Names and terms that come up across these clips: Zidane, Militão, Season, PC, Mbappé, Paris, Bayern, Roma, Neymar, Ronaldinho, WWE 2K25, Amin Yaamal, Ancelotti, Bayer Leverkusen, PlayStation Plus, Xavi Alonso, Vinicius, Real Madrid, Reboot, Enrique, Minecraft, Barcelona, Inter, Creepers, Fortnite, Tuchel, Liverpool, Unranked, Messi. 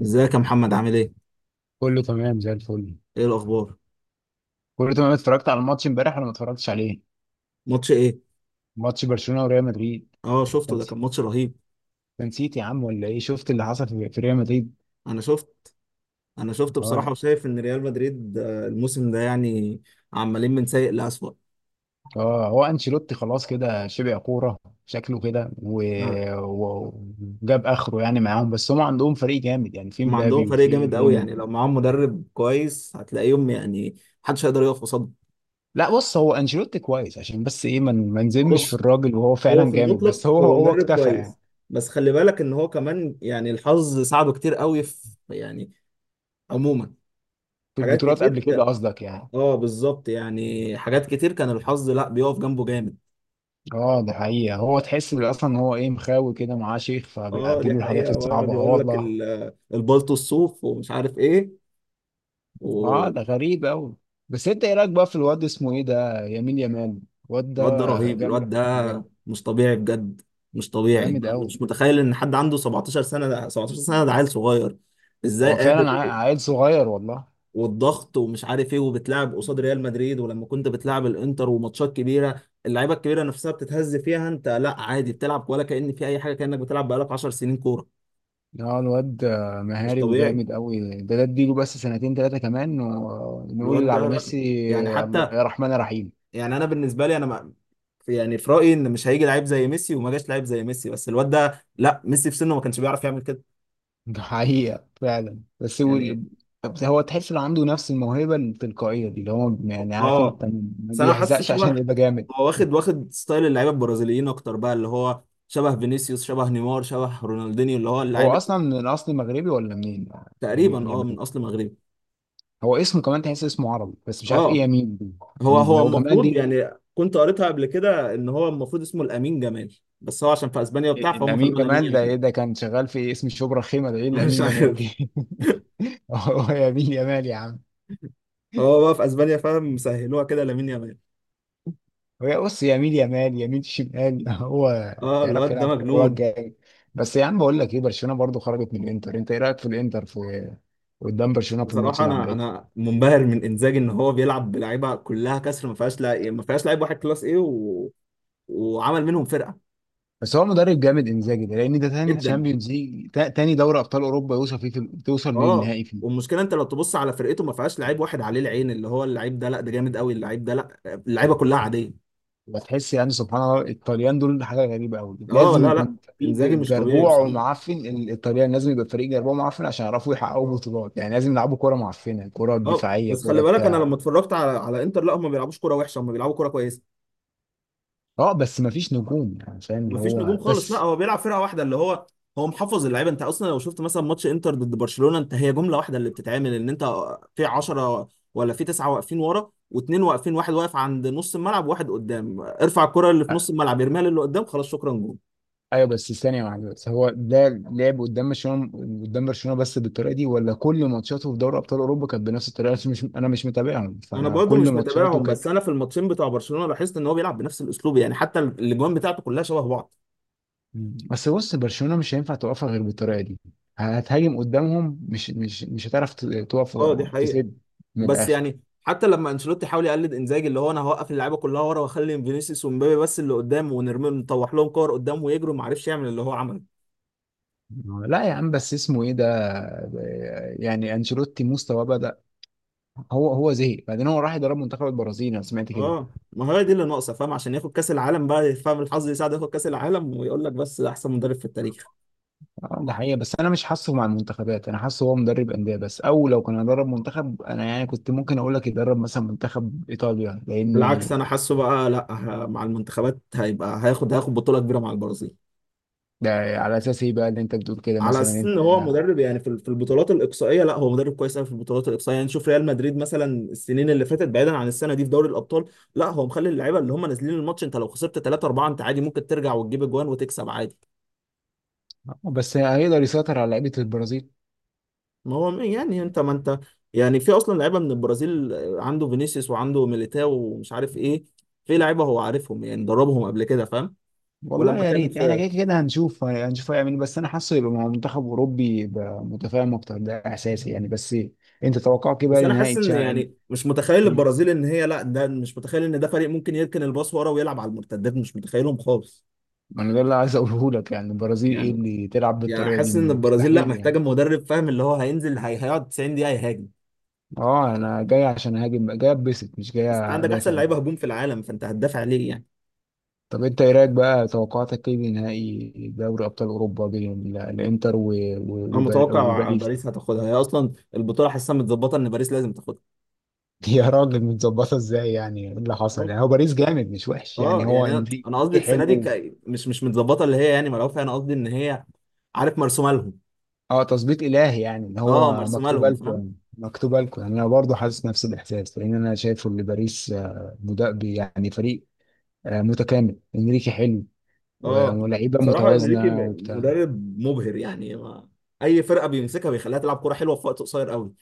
ازيك يا محمد؟ عامل ايه؟ كله تمام زي الفل. ايه الاخبار؟ كله تمام، اتفرجت على الماتش امبارح ولا ما اتفرجتش عليه؟ ماتش ايه؟ ماتش برشلونة وريال مدريد. اه، شفته. ده تنسي كان ماتش رهيب. تنسيت يا عم ولا ايه؟ شفت اللي حصل في ريال مدريد. انا شفت انا شفت اه. بصراحة، وشايف ان ريال مدريد الموسم ده يعني عمالين من سيء لأسوأ. اه، هو انشيلوتي خلاص كده شبع كورة. شكله كده آه، و- وجاب اخره يعني معاهم، بس هم عندهم فريق جامد يعني، في هم عندهم مبابي فريق وفي جامد قوي، ديم. يعني لو معاهم مدرب كويس هتلاقيهم يعني محدش هيقدر يقف قصادهم. لا بص، هو انشيلوتي كويس عشان بس ايه، ما نزمش في بص، الراجل وهو هو فعلا في جامد، بس المطلق هو هو هو مدرب اكتفى يعني. كويس، بس خلي بالك ان هو كمان يعني الحظ ساعده كتير قوي في، يعني، عموما، في حاجات البطولات كتير قبل كده كان. قصدك يعني؟ اه بالظبط، يعني حاجات كتير كان الحظ لا بيقف جنبه جامد. اه دي حقيقة. هو تحس اصلا ان هو ايه، مخاوي كده معاه شيخ، اه فبيعدي دي له الحاجات حقيقة، ويقعد الصعبة، اه يقول لك والله. البلطو الصوف ومش عارف ايه. اه والواد ده غريب اوي. بس انت ايه رايك بقى في الواد اسمه ايه ده، يمين يمان؟ الواد ده ده رهيب، جامد. الواد ده مش طبيعي بجد. مش طبيعي. جامد أنا اوي. مش متخيل ان حد عنده 17 سنة، ده 17 سنة ده عيل صغير. ازاي هو قادر؟ فعلا عيل صغير والله. والضغط ومش عارف ايه، وبتلعب قصاد ريال مدريد، ولما كنت بتلعب الانتر وماتشات كبيرة اللعيبة الكبيرة نفسها بتتهز فيها، انت لا عادي بتلعب ولا كأن في اي حاجة، كأنك بتلعب بقالك 10 سنين كورة. اه، الواد مش مهاري طبيعي وجامد اوي. ده اديله بس سنتين تلاتة كمان الواد ونقول ده، على لا. ميسي. يعني حتى، يا رحمن يا رحيم. يعني انا بالنسبه لي انا ما، يعني في رايي ان مش هيجي لعيب زي ميسي، وما جاش لعيب زي ميسي، بس الواد ده لا، ميسي في سنه ما كانش بيعرف يعمل كده ده حقيقة فعلا، بس هو يعني. بس هو تحس انه عنده نفس الموهبة التلقائية دي، اللي هو يعني، عارف، اه انت ما بس انا حاسه بيحزقش عشان شبه، يبقى جامد. هو واخد ستايل اللعيبه البرازيليين اكتر بقى، اللي هو شبه فينيسيوس، شبه نيمار، شبه رونالدينيو، اللي هو هو اللعيب اللي. اصلا من اصل مغربي ولا منين؟ تقريبا يمين اه من يمين. اصل مغربي. هو اسمه كمان تحس اسمه عربي، بس مش عارف ايه اه يمين دي. هو مين ده، هو هو جمال المفروض دي؟ يعني كنت قريتها قبل كده ان هو المفروض اسمه الامين جمال، بس هو عشان في اسبانيا وبتاع فهم الامين خلوه لامين جمال ده يامال. ايه، ده كان شغال في اسم شبرا خيمة؟ ده ايه مش الامين جمال عارف. دي؟ هو يمين يمال يا عم. هو بقى في اسبانيا فاهم مسهلوها كده لامين يامال. هي بص، يمين يمال، يمين شمال هو اه يعرف الواد ده يلعب كوره مجنون. جامد. بس يا عم، بقول لك ايه، برشلونه برضو خرجت من الانتر. انت ايه رايك في الانتر في قدام برشلونه في الماتش بصراحه اللي انا عملته؟ انا منبهر من انزاجي، ان هو بيلعب بلعيبه كلها كسر، ما فيهاش لا، ما فيهاش لعيب واحد كلاس ايه و... وعمل منهم فرقه. بس هو مدرب جامد انزاجي ده، لان ده تاني جدا. تشامبيونز ليج، تاني دوري ابطال اوروبا يوصل فيه في توصل اه للنهائي فيه. والمشكله انت لو تبص على فرقته ما فيهاش لعيب واحد عليه العين اللي هو اللعيب ده، لا ده جامد قوي اللعيب ده، لا اللعيبه كلها عاديه. وتحس يعني سبحان الله، الطليان دول حاجه غريبه قوي، اه لازم لا لا، يكون فريق انزاجي مش طبيعي جربوع بصراحه. ومعفن، الطليان لازم يبقى فريق جربوع ومعفن عشان يعرفوا يحققوا بطولات، يعني لازم يلعبوا كوره معفنه، كوره اه دفاعيه، بس خلي كوره بالك، انا لما بتاع. اتفرجت على انتر لا هم ما بيلعبوش كوره وحشه، هم بيلعبوا كوره كويسه. اه بس مفيش نجوم يعني، فاهم اللي ومفيش نجوم هو، خالص، لا بس. هو بيلعب فرقه واحده اللي هو، هو محفظ اللعيبه. انت اصلا لو شفت مثلا ماتش انتر ضد برشلونه، انت هي جمله واحده اللي بتتعمل ان انت في 10 ولا في 9 واقفين ورا، واثنين واقفين، واحد واقف عند نص الملعب وواحد قدام، ارفع الكره اللي في أ- نص الملعب يرميها للي قدام، خلاص شكرا جول. ايوه بس ثانية واحدة، بس هو ده لعب قدام برشلونة بس بالطريقة دي، ولا كل ماتشاته في دوري ابطال اوروبا كانت بنفس الطريقة؟ عشان مش انا مش متابعهم، انا فانا برضو كل مش ماتشاته متابعهم، كانت. بس انا في الماتشين بتوع برشلونه لاحظت ان هو بيلعب بنفس الاسلوب، يعني حتى الاجوان بتاعته كلها شبه بعض. بس بص، برشلونة مش هينفع توقفها غير بالطريقة دي. هتهاجم قدامهم، مش هتعرف تقف اه دي حقيقه. تسد من بس الاخر. يعني حتى لما انشيلوتي حاول يقلد انزاجي اللي هو انا هوقف اللعيبه كلها ورا واخلي فينيسيوس ومبابي بس اللي قدام، ونرمي نطوح لهم كور قدام ويجروا، ما عرفش يعمل اللي هو عمله. لا يا عم، بس اسمه ايه ده، يعني انشيلوتي مستواه بدأ. هو زهق بعدين، هو راح يدرب منتخب البرازيل، انا سمعت كده. اه ما هي دي اللي ناقصه فاهم، عشان ياخد كاس العالم بقى فاهم، الحظ يساعده ياخد كاس العالم ويقول لك بس ده احسن مدرب في التاريخ. ده حقيقة، بس أنا مش حاسه مع المنتخبات. أنا حاسه هو مدرب أندية بس، أو لو كان هيدرب منتخب، أنا يعني كنت ممكن أقول لك يدرب مثلا منتخب إيطاليا لأني. بالعكس انا حاسه بقى لا، مع المنتخبات هيبقى هياخد بطوله كبيره مع البرازيل. ده على أساس إيه بقى اللي أنت بتقول كده، على مثلا اساس ان أنت هو آه، مدرب يعني في البطولات الاقصائيه، لا هو مدرب كويس قوي في البطولات الاقصائيه. يعني شوف ريال مدريد مثلا، السنين اللي فاتت بعيدا عن السنه دي في دوري الابطال، لا هو مخلي اللعيبه اللي هم نازلين الماتش، انت لو خسرت 3 4 انت عادي ممكن ترجع وتجيب اجوان وتكسب عادي. بس هيقدر يسيطر على لعيبة البرازيل؟ ما هو يعني انت، ما انت يعني في اصلا لعيبه من البرازيل عنده فينيسيوس وعنده ميليتاو ومش عارف ايه، في لعيبه هو عارفهم يعني دربهم قبل كده فاهم. والله ولما يا كان ريت، إحنا في، كده كده هنشوف هيعمل إيه، بس أنا حاسه يبقى مع منتخب أوروبي يبقى متفاهم أكتر، ده إحساسي يعني، بس. أنت توقعك إيه بس بقى انا حاسس لنهائي ان يعني مش متخيل البرازيل ان هي لا، ده مش متخيل ان ده فريق ممكن يركن الباص ورا ويلعب على المرتدات، مش متخيلهم خالص ما أنا ده اللي عايز أقوله لك، يعني البرازيل إيه يعني. اللي تلعب يعني بالطريقة دي، حاسس ان البرازيل لا مستحيل محتاجه يعني. مدرب فاهم اللي هو هينزل هي هيقعد 90 دقيقه يهاجم. اه، انا جاي عشان اهاجم، جاي اتبسط، مش جاي بس عندك احسن ادافع. لعيبه هجوم في العالم، فانت هتدافع ليه يعني؟ طب انت ايه رايك بقى، توقعاتك ايه لنهائي دوري ابطال اوروبا بين الانتر انا متوقع وباريس؟ باريس هتاخدها، هي اصلا البطوله حاسسها متظبطه ان باريس لازم تاخدها. يا راجل، متظبطه ازاي يعني، ايه اللي حصل اه يعني؟ هو باريس جامد، مش وحش يعني، هو يعني انا قصدي انريكي السنه دي حلو. ك... مش مش متظبطه اللي هي يعني ملعوبه فيها، انا قصدي ان هي، عارف، مرسومه لهم. اه، تظبيط الهي يعني، ان اه هو مرسومه مكتوبه لهم لكم، فاهم. يعني مكتوبه لكم. يعني انا برضه حاسس نفس الاحساس، لان انا شايفه ان باريس يعني فريق متكامل، انريكي حلو اه ولاعيبه بصراحه انريكي متوازنه وبتاع. مدرب مبهر يعني، ما اي فرقه بيمسكها بيخليها تلعب كوره حلوه في وقت قصير قوي.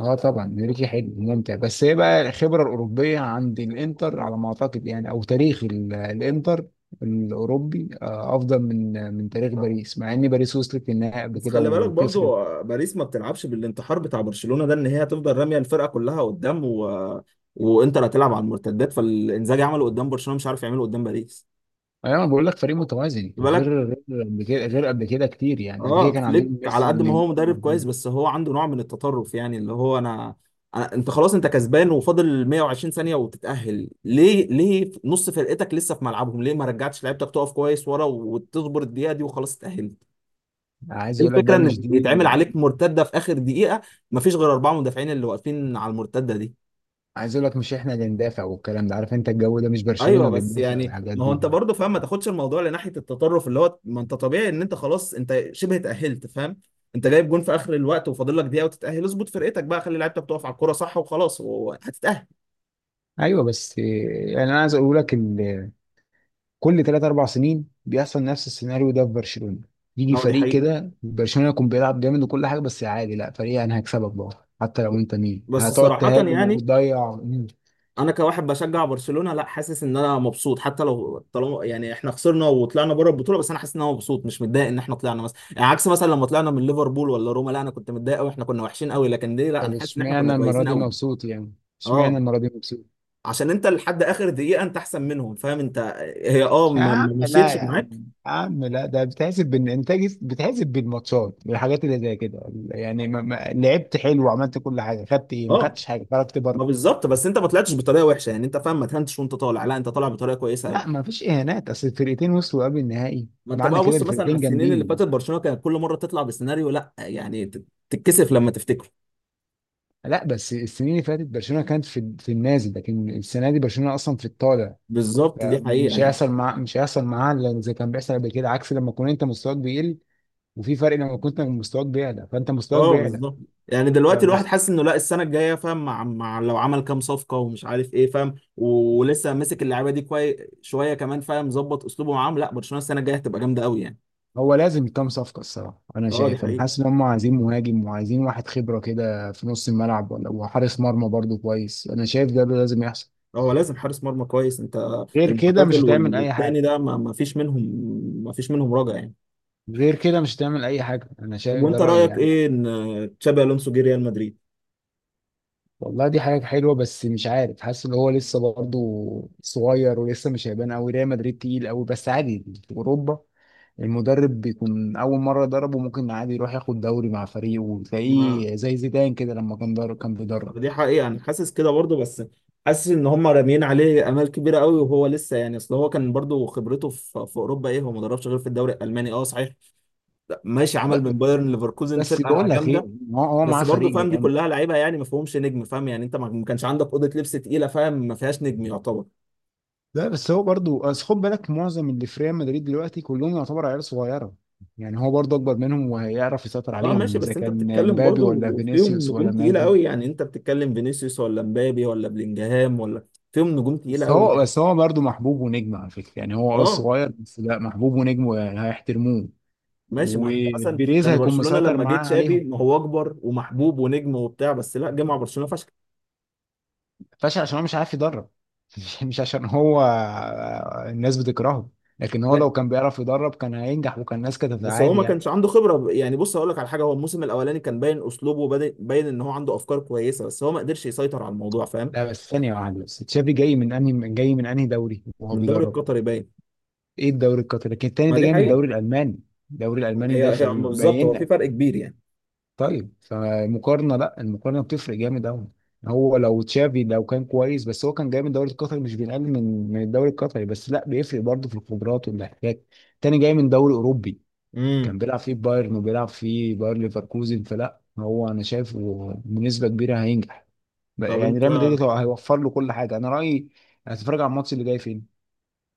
اه طبعا انريكي حلو ممتع، بس هي بقى الخبره الاوروبيه عند الانتر على ما اعتقد يعني، او تاريخ الانتر الاوروبي افضل من تاريخ باريس، مع ان باريس وصلت للنهائي قبل بس كده خلي بالك وخسرت. برضو باريس ما بتلعبش بالانتحار بتاع برشلونه ده، ان هي هتفضل راميه الفرقه كلها قدام و... وانتر هتلعب على المرتدات، فالانزاجي عمله قدام برشلونه مش عارف يعمله قدام باريس. انا بقول لك فريق متوازن، بالك. غير قبل كده، غير قبل كده كتير، يعني قبل كده اه كان فليك عندهم على ميسي قد ما هو ونيمار مدرب كويس، بس هو عنده نوع من التطرف، يعني اللي هو أنا انت خلاص انت كسبان، وفاضل 120 ثانية وتتأهل، ليه ليه نص فرقتك لسه في ملعبهم؟ ليه ما رجعتش لعيبتك تقف كويس ورا وتصبر الدقيقة دي وخلاص اتأهلت. عايز إيه اقول لك الفكرة بقى، مش ان دي. يتعمل عليك مرتدة في اخر دقيقة؟ مفيش غير اربعة مدافعين اللي واقفين على المرتدة دي. عايز اقول لك، مش احنا اللي ندافع والكلام ده، عارف انت الجو ده، مش برشلونه ايوه اللي بس بتدافع يعني والحاجات ما هو دي. انت برضه فاهم، ما تاخدش الموضوع لناحيه التطرف اللي هو، ما انت طبيعي ان انت خلاص انت شبه اتاهلت فاهم، انت جايب جون في اخر الوقت وفاضل لك دقيقه وتتاهل، اظبط فرقتك بقى، خلي لعيبتك تقف على الكوره صح وخلاص وهتتاهل. ايوه بس، يعني انا عايز اقول لك، كل ثلاث اربع سنين بيحصل نفس السيناريو ده في برشلونه. يجي هو دي فريق حقيقه، كده برشلونه يكون بيلعب جامد وكل حاجه، بس عادي، لا فريق انا هكسبك بقى حتى لو انت مين، بس هتقعد صراحه تهاجم يعني، وتضيع. انا كواحد بشجع برشلونه لا حاسس ان انا مبسوط، حتى لو طالما يعني احنا خسرنا وطلعنا بره البطوله، بس انا حاسس ان انا مبسوط مش متضايق ان احنا طلعنا مثلا، يعني عكس مثلا لما طلعنا من ليفربول ولا روما لا انا كنت متضايق قوي، احنا كنا وحشين قوي، لكن دي لا طب انا حاسس ان احنا كنا اشمعنى المره كويسين دي قوي. مبسوط يعني؟ اشمعنى اه، المره دي مبسوط؟ عشان انت لحد اخر دقيقه انت احسن منهم فاهم انت. هي اه يا ما عم ما لا، مشيتش يا عم. معاك. يا عم لا، ده بتحسب بالانتاج، بتحسب بالماتشات، بالحاجات اللي زي كده، يعني ما لعبت حلو وعملت كل حاجه، خدت ايه؟ ما اه خدتش حاجه، خرجت بره. ما بالظبط، بس انت ما طلعتش بطريقه وحشه يعني انت فاهم، ما تهنتش وانت طالع لا، انت طالع بطريقه كويسه قوي. لا ما فيش اهانات، اصل الفرقتين وصلوا قبل النهائي، ما انت معنى بقى كده بص مثلا على الفرقتين السنين اللي فاتت جامدين. برشلونه كانت كل مره تطلع بسيناريو، لا يعني تتكسف لما تفتكره. لا بس السنين اللي فاتت برشلونه كانت في النازل، لكن السنه دي برشلونه اصلا في الطالع. بالظبط دي حقيقه يعني. مش هيحصل معاها إلا زي كان بيحصل قبل كده، عكس لما تكون انت مستواك بيقل. وفي فرق، لما كنت مستواك بيعلى، فانت مستواك اه بيعلى. بالظبط. يعني دلوقتي الواحد فمست... حاسس انه لا السنه الجايه فاهم مع لو عمل كام صفقه ومش عارف ايه فاهم، ولسه ماسك اللعيبه دي كويس شويه كمان فاهم، ظبط اسلوبه معاهم، لا برشلونه السنه الجايه هتبقى جامده قوي يعني. هو لازم كام صفقه الصراحه. انا اه دي شايف، انا حقيقه. حاسس ان هم عايزين مهاجم، وعايزين واحد خبره كده في نص الملعب، ولا وحارس مرمى برضو كويس، انا شايف ده لازم يحصل. هو لازم حارس مرمى كويس، انت غير كده مش المعتزل هتعمل اي والتاني حاجه. ده ما فيش منهم، ما فيش منهم رجع يعني. غير كده مش هتعمل اي حاجه، انا طب شايف ده وانت رايي رايك يعني. ايه ان تشابي الونسو جه ريال مدريد؟ والله دي حاجة حلوة، بس مش عارف، حاسس ان هو لسه برضه صغير، ولسه مش هيبان قوي، ريال مدريد تقيل قوي، بس عادي في اوروبا المدرب بيكون اول مرة يدربه، ممكن عادي يروح ياخد دوري مع فريقه، ما وتلاقيه زي زيدان كده لما كان درب، كان بيدرب. طب دي حقيقه انا حاسس كده برضه، بس حاسس ان هم راميين عليه امال كبيره قوي وهو لسه يعني، اصل هو كان برضه خبرته في اوروبا ايه، هو ما دربش غير في الدوري الالماني. اه صحيح ماشي، ب- عمل من بايرن ليفركوزن بس بقول فرقه لك جامده. ايه، هو بس معاه برضه فريق فاهم دي جامد. كلها لعيبه يعني ما فيهمش نجم فاهم، يعني انت ما كانش عندك اوضه لبس تقيله فاهم، ما فيهاش نجم يعتبر. لا بس هو برضه أصل، خد بالك معظم اللي في ريال مدريد دلوقتي كلهم يعتبر عيال صغيرة، يعني هو برضه اكبر منهم وهيعرف يسيطر اه عليهم، ماشي، اذا بس انت كان بتتكلم مبابي ولا برضو فيهم فينيسيوس ولا نجوم الناس تقيلة دي. قوي يعني، انت بتتكلم فينيسيوس ولا مبابي ولا بلينجهام ولا، فيهم نجوم تقيلة بس قوي هو يعني. بس هو برضه محبوب ونجم على فكرة، يعني هو اه اه صغير، بس لا، محبوب ونجم وهيحترموه. ماشي، ما انت مثلا وبيريز يعني هيكون برشلونة مسيطر لما جه معاه تشافي عليهم. ما هو اكبر ومحبوب ونجم وبتاع، بس لا جه مع برشلونة فشخ. فاشل عشان هو مش عارف يدرب مش عشان هو الناس بتكرهه، لكن هو لا، لو كان بيعرف يدرب، كان هينجح وكان الناس كانت بس هو عادي ما يعني. كانش عنده خبرة يعني، بص هقول لك على حاجة، هو الموسم الاولاني كان باين اسلوبه، وباين باين ان هو عنده افكار كويسة، بس هو ما قدرش يسيطر على الموضوع فاهم. لا بس ثانية واحدة، بس تشافي جاي من انهي دوري وهو من الدوري بيدرب؟ القطري باين. ايه الدوري القطري؟ لكن التاني ما ده دي جاي من حقيقة. الدوري الألماني. الدوري الألماني ده هي بالظبط، هو فبيبين. في فرق كبير يعني. طيب فمقارنة، لا، المقارنة بتفرق جامد قوي. هو لو تشافي لو كان كويس، بس هو كان جاي من الدوري القطري، مش بينقل من الدوري القطري بس، لا بيفرق برضه في الخبرات والاحتكاك. تاني جاي من دوري اوروبي، امم. كان بيلعب فيه بايرن وبيلعب فيه باير ليفركوزن، فلا هو انا شايفه بنسبة كبيرة هينجح، طب يعني انت، ريال مدريد هيوفر له كل حاجة، انا رأيي. هتتفرج على الماتش اللي جاي فين؟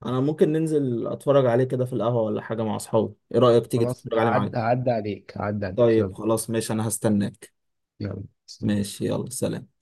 انا ممكن ننزل اتفرج عليه كده في القهوة ولا حاجة مع اصحابي، ايه رأيك تيجي خلاص، تتفرج عليه معايا؟ هعدي عليك، هعدي عليك، طيب يلا. خلاص ماشي، انا هستناك. يلا. ماشي، يلا سلام.